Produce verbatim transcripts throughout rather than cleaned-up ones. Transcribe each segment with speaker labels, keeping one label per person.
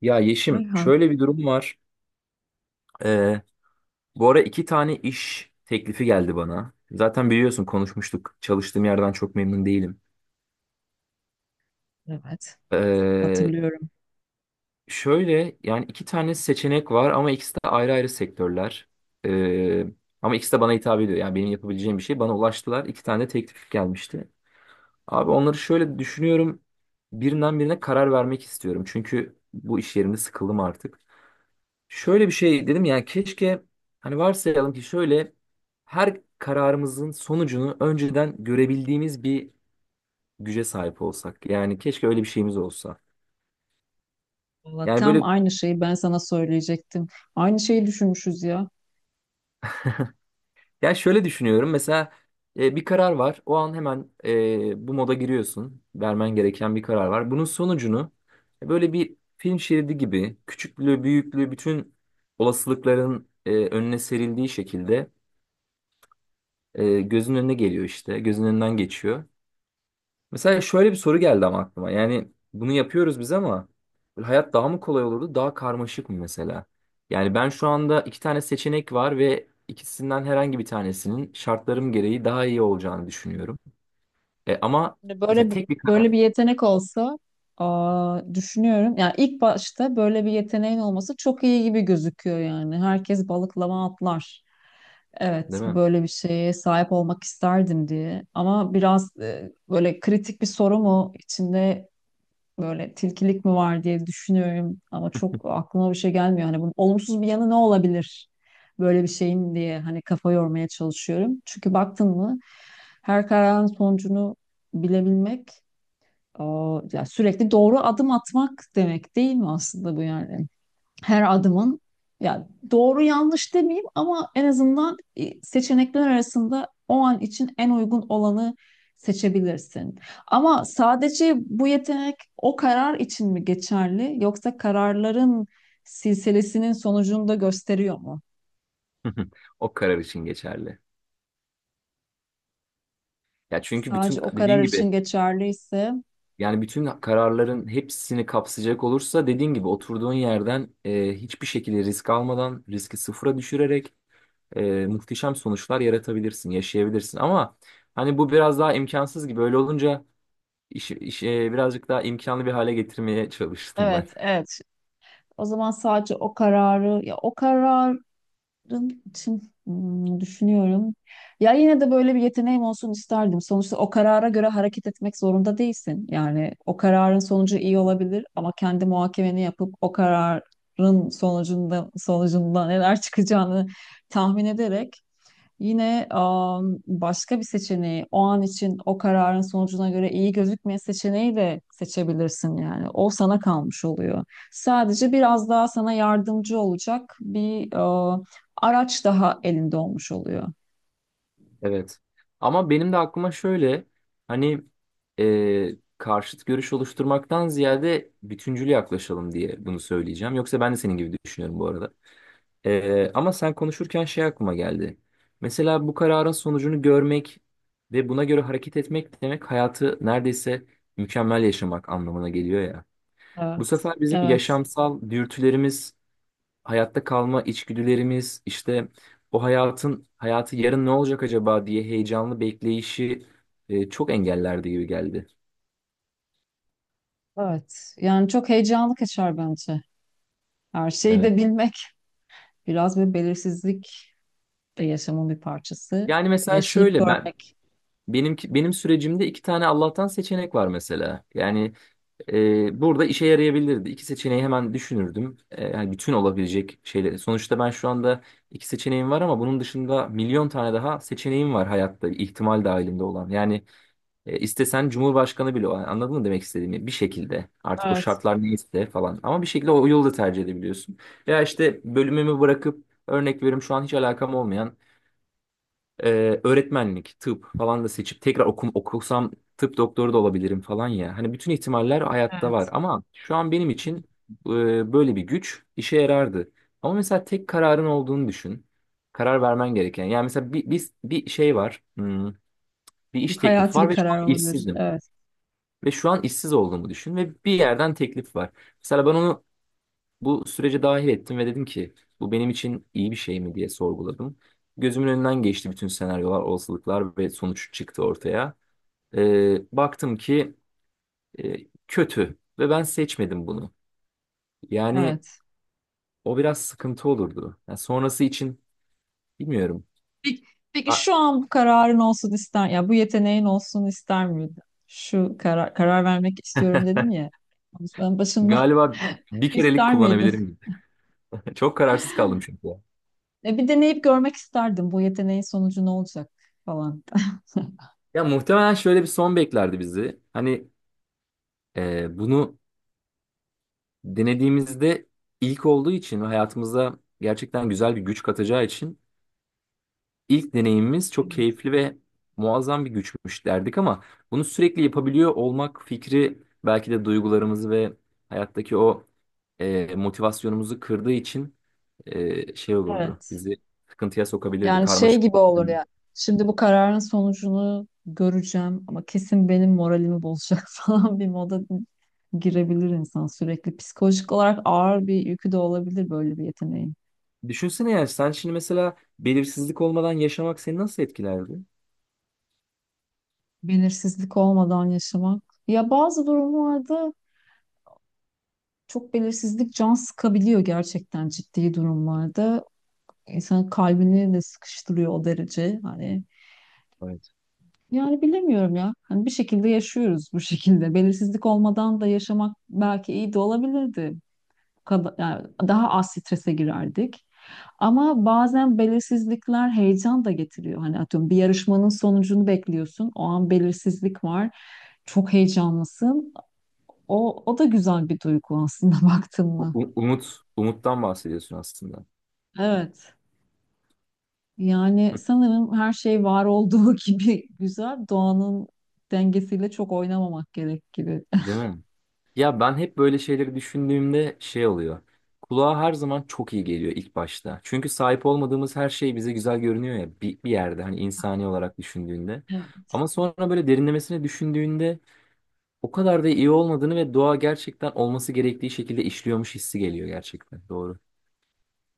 Speaker 1: Ya Yeşim,
Speaker 2: Ayhan,
Speaker 1: şöyle bir durum var. Ee, bu ara iki tane iş teklifi geldi bana. Zaten biliyorsun konuşmuştuk. Çalıştığım yerden çok memnun değilim.
Speaker 2: evet
Speaker 1: Ee,
Speaker 2: hatırlıyorum.
Speaker 1: şöyle yani iki tane seçenek var ama ikisi de ayrı ayrı sektörler. Ee, ama ikisi de bana hitap ediyor. Yani benim yapabileceğim bir şey. Bana ulaştılar. İki tane de teklif gelmişti. Abi onları şöyle düşünüyorum. Birinden birine karar vermek istiyorum. Çünkü bu iş yerimde sıkıldım artık. Şöyle bir şey dedim yani keşke hani varsayalım ki şöyle her kararımızın sonucunu önceden görebildiğimiz bir güce sahip olsak. Yani keşke öyle bir şeyimiz olsa.
Speaker 2: Valla
Speaker 1: Yani
Speaker 2: tam
Speaker 1: böyle
Speaker 2: aynı şeyi ben sana söyleyecektim. Aynı şeyi düşünmüşüz ya.
Speaker 1: ya şöyle düşünüyorum mesela e, bir karar var. O an hemen e, bu moda giriyorsun. Vermen gereken bir karar var. Bunun sonucunu e, böyle bir film şeridi gibi küçüklüğü, büyüklüğü bütün olasılıkların e, önüne serildiği şekilde e, gözünün önüne geliyor işte. Gözünün önünden geçiyor. Mesela şöyle bir soru geldi ama aklıma. Yani bunu yapıyoruz biz ama böyle hayat daha mı kolay olurdu, daha karmaşık mı mesela? Yani ben şu anda iki tane seçenek var ve ikisinden herhangi bir tanesinin şartlarım gereği daha iyi olacağını düşünüyorum. E, ama
Speaker 2: Hani
Speaker 1: mesela
Speaker 2: Böyle bir-
Speaker 1: tek bir
Speaker 2: Böyle
Speaker 1: karar,
Speaker 2: bir yetenek olsa, aa, düşünüyorum. Yani ilk başta böyle bir yeteneğin olması çok iyi gibi gözüküyor yani. Herkes balıklama atlar. Evet,
Speaker 1: değil mi?
Speaker 2: böyle bir şeye sahip olmak isterdim diye. Ama biraz e, böyle kritik bir soru mu içinde, böyle tilkilik mi var diye düşünüyorum ama çok aklıma bir şey gelmiyor. Hani bunun olumsuz bir yanı ne olabilir böyle bir şeyin diye, hani kafa yormaya çalışıyorum. Çünkü baktın mı, her kararın sonucunu bilebilmek o, ya sürekli doğru adım atmak demek değil mi aslında bu yani? Her adımın, ya doğru yanlış demeyeyim ama en azından e, seçenekler arasında o an için en uygun olanı seçebilirsin. Ama sadece bu yetenek o karar için mi geçerli, yoksa kararların silsilesinin sonucunu da gösteriyor mu?
Speaker 1: O karar için geçerli. Ya çünkü bütün
Speaker 2: Sadece o
Speaker 1: dediğin
Speaker 2: karar için
Speaker 1: gibi
Speaker 2: geçerliyse.
Speaker 1: yani bütün kararların hepsini kapsayacak olursa dediğin gibi oturduğun yerden e, hiçbir şekilde risk almadan riski sıfıra düşürerek e, muhteşem sonuçlar yaratabilirsin, yaşayabilirsin. Ama hani bu biraz daha imkansız gibi. Öyle olunca iş, iş, e, birazcık daha imkanlı bir hale getirmeye çalıştım ben.
Speaker 2: Evet, evet. O zaman sadece o kararı, ya o kararın için, hmm, düşünüyorum. Ya yine de böyle bir yeteneğim olsun isterdim. Sonuçta o karara göre hareket etmek zorunda değilsin. Yani o kararın sonucu iyi olabilir ama kendi muhakemeni yapıp o kararın sonucunda sonucunda neler çıkacağını tahmin ederek. Yine am, başka bir seçeneği, o an için o kararın sonucuna göre iyi gözükmeyen seçeneği de seçebilirsin yani. O sana kalmış oluyor. Sadece biraz daha sana yardımcı olacak bir e, araç daha elinde olmuş oluyor.
Speaker 1: Evet. Ama benim de aklıma şöyle hani e, karşıt görüş oluşturmaktan ziyade bütüncül yaklaşalım diye bunu söyleyeceğim. Yoksa ben de senin gibi düşünüyorum bu arada. Ee, ama sen konuşurken şey aklıma geldi. Mesela bu kararın sonucunu görmek ve buna göre hareket etmek demek hayatı neredeyse mükemmel yaşamak anlamına geliyor ya. Bu
Speaker 2: Evet,
Speaker 1: sefer bizim
Speaker 2: evet,
Speaker 1: yaşamsal dürtülerimiz, hayatta kalma içgüdülerimiz, işte o hayatın hayatı yarın ne olacak acaba diye heyecanlı bekleyişi e, çok engellerdi gibi geldi.
Speaker 2: evet. Yani çok heyecanlı kaçar bence. Her şeyi
Speaker 1: Evet.
Speaker 2: de bilmek, biraz bir belirsizlik de yaşamın bir parçası.
Speaker 1: Yani mesela
Speaker 2: Yaşayıp
Speaker 1: şöyle ben
Speaker 2: görmek.
Speaker 1: benim benim sürecimde iki tane Allah'tan seçenek var mesela. Yani Ee, burada işe yarayabilirdi. İki seçeneği hemen düşünürdüm. Ee, yani bütün olabilecek şeyleri. Sonuçta ben şu anda iki seçeneğim var ama bunun dışında milyon tane daha seçeneğim var hayatta ihtimal dahilinde olan. Yani e, istesen Cumhurbaşkanı bile o. Hani anladın mı demek istediğimi? Bir şekilde artık o
Speaker 2: Evet,
Speaker 1: şartlar neyse falan. Ama bir şekilde o yolu da tercih edebiliyorsun. Veya işte bölümümü bırakıp örnek veriyorum şu an hiç alakam olmayan ee, öğretmenlik, tıp falan da seçip tekrar okum, okusam tıp doktoru da olabilirim falan ya. Hani bütün ihtimaller hayatta var
Speaker 2: evet.
Speaker 1: ama şu an benim için e, böyle bir güç işe yarardı. Ama mesela tek kararın olduğunu düşün. Karar vermen gereken. Yani mesela bir, bir, bir şey var. Hmm, bir iş
Speaker 2: Çok
Speaker 1: teklifi
Speaker 2: hayati bir
Speaker 1: var ve şu
Speaker 2: karar
Speaker 1: an
Speaker 2: olabilir.
Speaker 1: işsizdim.
Speaker 2: Evet.
Speaker 1: Ve şu an işsiz olduğumu düşün ve bir yerden teklif var. Mesela ben onu bu sürece dahil ettim ve dedim ki bu benim için iyi bir şey mi diye sorguladım. Gözümün önünden geçti bütün senaryolar, olasılıklar ve sonuç çıktı ortaya. Ee, baktım ki e, kötü ve ben seçmedim bunu. Yani
Speaker 2: Evet.
Speaker 1: o biraz sıkıntı olurdu. Yani sonrası için bilmiyorum.
Speaker 2: Peki, peki
Speaker 1: Ha,
Speaker 2: şu an bu kararın olsun ister, ya bu yeteneğin olsun ister miydin? Şu karar, karar vermek istiyorum dedin ya konuşmanın başında.
Speaker 1: galiba bir kerelik
Speaker 2: ister miydin?
Speaker 1: kullanabilirim. Çok kararsız kaldım çünkü.
Speaker 2: E, bir deneyip görmek isterdim bu yeteneğin sonucu ne olacak falan.
Speaker 1: Ya muhtemelen şöyle bir son beklerdi bizi. Hani e, bunu denediğimizde ilk olduğu için ve hayatımıza gerçekten güzel bir güç katacağı için ilk deneyimimiz çok
Speaker 2: Evet.
Speaker 1: keyifli ve muazzam bir güçmüş derdik ama bunu sürekli yapabiliyor olmak fikri belki de duygularımızı ve hayattaki o e, motivasyonumuzu kırdığı için e, şey olurdu.
Speaker 2: Evet.
Speaker 1: Bizi sıkıntıya sokabilirdi,
Speaker 2: Yani şey
Speaker 1: karmaşık.
Speaker 2: gibi olur ya. Şimdi bu kararın sonucunu göreceğim ama kesin benim moralimi bozacak falan bir moda girebilir insan sürekli. Psikolojik olarak ağır bir yükü de olabilir böyle bir yeteneğin.
Speaker 1: Düşünsene yani sen şimdi mesela belirsizlik olmadan yaşamak seni nasıl etkilerdi?
Speaker 2: Belirsizlik olmadan yaşamak. Ya bazı durumlarda çok belirsizlik can sıkabiliyor, gerçekten ciddi durumlarda. İnsanın kalbini de sıkıştırıyor o derece. Hani
Speaker 1: Evet.
Speaker 2: yani bilemiyorum ya. Hani bir şekilde yaşıyoruz bu şekilde. Belirsizlik olmadan da yaşamak belki iyi de olabilirdi. Yani daha az strese girerdik. Ama bazen belirsizlikler heyecan da getiriyor. Hani atıyorum, bir yarışmanın sonucunu bekliyorsun. O an belirsizlik var. Çok heyecanlısın. O, o da güzel bir duygu aslında baktın
Speaker 1: U-
Speaker 2: mı?
Speaker 1: u- umut, umuttan bahsediyorsun aslında.
Speaker 2: Evet. Yani sanırım her şey var olduğu gibi güzel. Doğanın dengesiyle çok oynamamak gerek gibi.
Speaker 1: Değil mi? Ya ben hep böyle şeyleri düşündüğümde şey oluyor. Kulağa her zaman çok iyi geliyor ilk başta. Çünkü sahip olmadığımız her şey bize güzel görünüyor ya bir, bir yerde hani insani olarak düşündüğünde.
Speaker 2: Evet.
Speaker 1: Ama sonra böyle derinlemesine düşündüğünde o kadar da iyi olmadığını ve doğa gerçekten olması gerektiği şekilde işliyormuş hissi geliyor gerçekten. Doğru.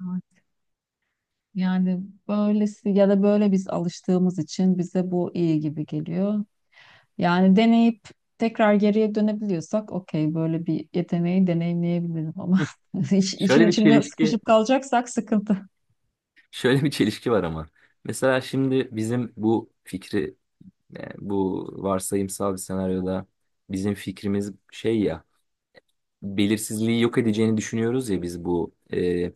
Speaker 2: Evet. Yani böylesi, ya da böyle biz alıştığımız için bize bu iyi gibi geliyor. Yani deneyip tekrar geriye dönebiliyorsak okey, böyle bir yeteneği deneyimleyebilirim ama
Speaker 1: Hı.
Speaker 2: iş- işin
Speaker 1: Şöyle bir
Speaker 2: içinde
Speaker 1: çelişki,
Speaker 2: sıkışıp kalacaksak sıkıntı.
Speaker 1: şöyle bir çelişki var ama. Mesela şimdi bizim bu fikri, e, bu varsayımsal bir senaryoda bizim fikrimiz şey ya. Belirsizliği yok edeceğini düşünüyoruz ya biz bu e,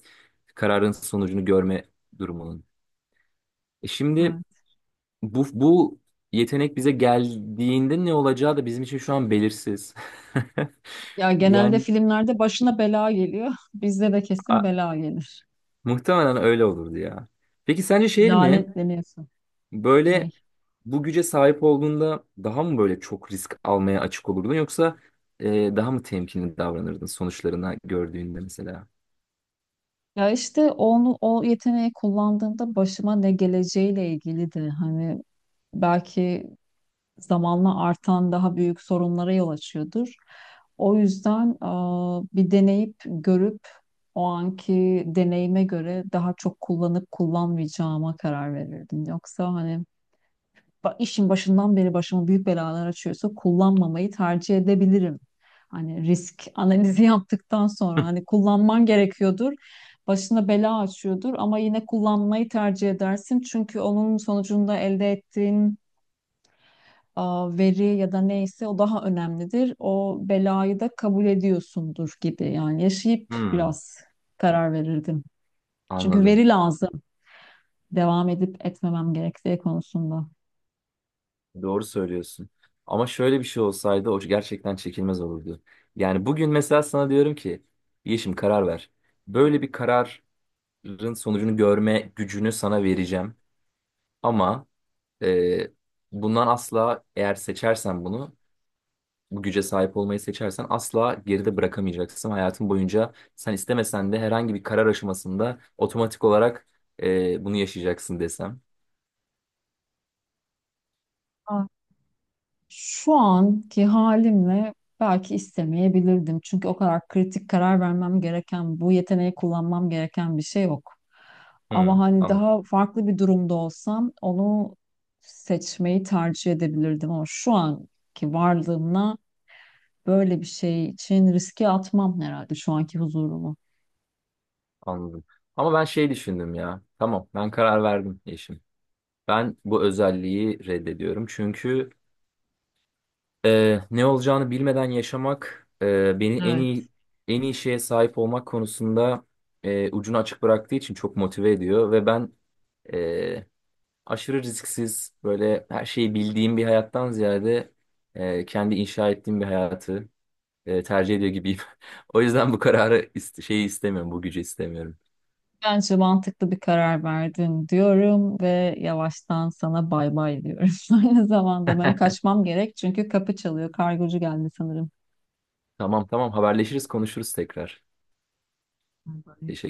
Speaker 1: kararın sonucunu görme durumunun. E şimdi
Speaker 2: Evet.
Speaker 1: bu bu yetenek bize geldiğinde ne olacağı da bizim için şu an belirsiz.
Speaker 2: Ya genelde
Speaker 1: Yani
Speaker 2: filmlerde başına bela geliyor. Bizde de kesin
Speaker 1: a-
Speaker 2: bela gelir.
Speaker 1: muhtemelen öyle olurdu ya. Peki sence şey mi?
Speaker 2: Lanetleniyorsun. Ne?
Speaker 1: Böyle bu güce sahip olduğunda daha mı böyle çok risk almaya açık olurdun yoksa e, daha mı temkinli davranırdın sonuçlarına gördüğünde mesela?
Speaker 2: Ya işte onu, o yeteneği kullandığımda başıma ne geleceğiyle ilgili de hani belki zamanla artan daha büyük sorunlara yol açıyordur. O yüzden aa, bir deneyip görüp o anki deneyime göre daha çok kullanıp kullanmayacağıma karar verirdim. Yoksa hani ba- işin başından beri başıma büyük belalar açıyorsa kullanmamayı tercih edebilirim. Hani risk analizi yaptıktan sonra hani kullanman gerekiyordur. Başına bela açıyordur ama yine kullanmayı tercih edersin. Çünkü onun sonucunda elde ettiğin a, veri ya da neyse o daha önemlidir. O belayı da kabul ediyorsundur gibi. Yani yaşayıp
Speaker 1: Hmm,
Speaker 2: biraz karar verirdim. Çünkü
Speaker 1: anladım.
Speaker 2: veri lazım. Devam edip etmemem gerektiği konusunda.
Speaker 1: Doğru söylüyorsun. Ama şöyle bir şey olsaydı o gerçekten çekilmez olurdu. Yani bugün mesela sana diyorum ki Yeşim karar ver. Böyle bir kararın sonucunu görme gücünü sana vereceğim. Ama e, bundan asla eğer seçersen bunu bu güce sahip olmayı seçersen asla geride bırakamayacaksın. Hayatın boyunca sen istemesen de herhangi bir karar aşamasında otomatik olarak e, bunu yaşayacaksın desem.
Speaker 2: Şu anki halimle belki istemeyebilirdim. Çünkü o kadar kritik karar vermem gereken, bu yeteneği kullanmam gereken bir şey yok.
Speaker 1: Hmm,
Speaker 2: Ama hani
Speaker 1: anladım.
Speaker 2: daha farklı bir durumda olsam onu seçmeyi tercih edebilirdim. Ama şu anki varlığımla böyle bir şey için riske atmam herhalde şu anki huzurumu.
Speaker 1: Anladım. Ama ben şey düşündüm ya. Tamam, ben karar verdim eşim. Ben bu özelliği reddediyorum. Çünkü e, ne olacağını bilmeden yaşamak e, beni en iyi en iyi şeye sahip olmak konusunda e, ucunu açık bıraktığı için çok motive ediyor ve ben e, aşırı risksiz böyle her şeyi bildiğim bir hayattan ziyade e, kendi inşa ettiğim bir hayatı e, tercih ediyor gibiyim. O yüzden bu kararı iste- şeyi istemiyorum, bu gücü istemiyorum.
Speaker 2: Bence mantıklı bir karar verdin diyorum ve yavaştan sana bay bay diyorum. Aynı zamanda benim kaçmam gerek çünkü kapı çalıyor. Kargocu geldi sanırım.
Speaker 1: Tamam, tamam, haberleşiriz konuşuruz tekrar.
Speaker 2: Bay bay.
Speaker 1: Teşekkür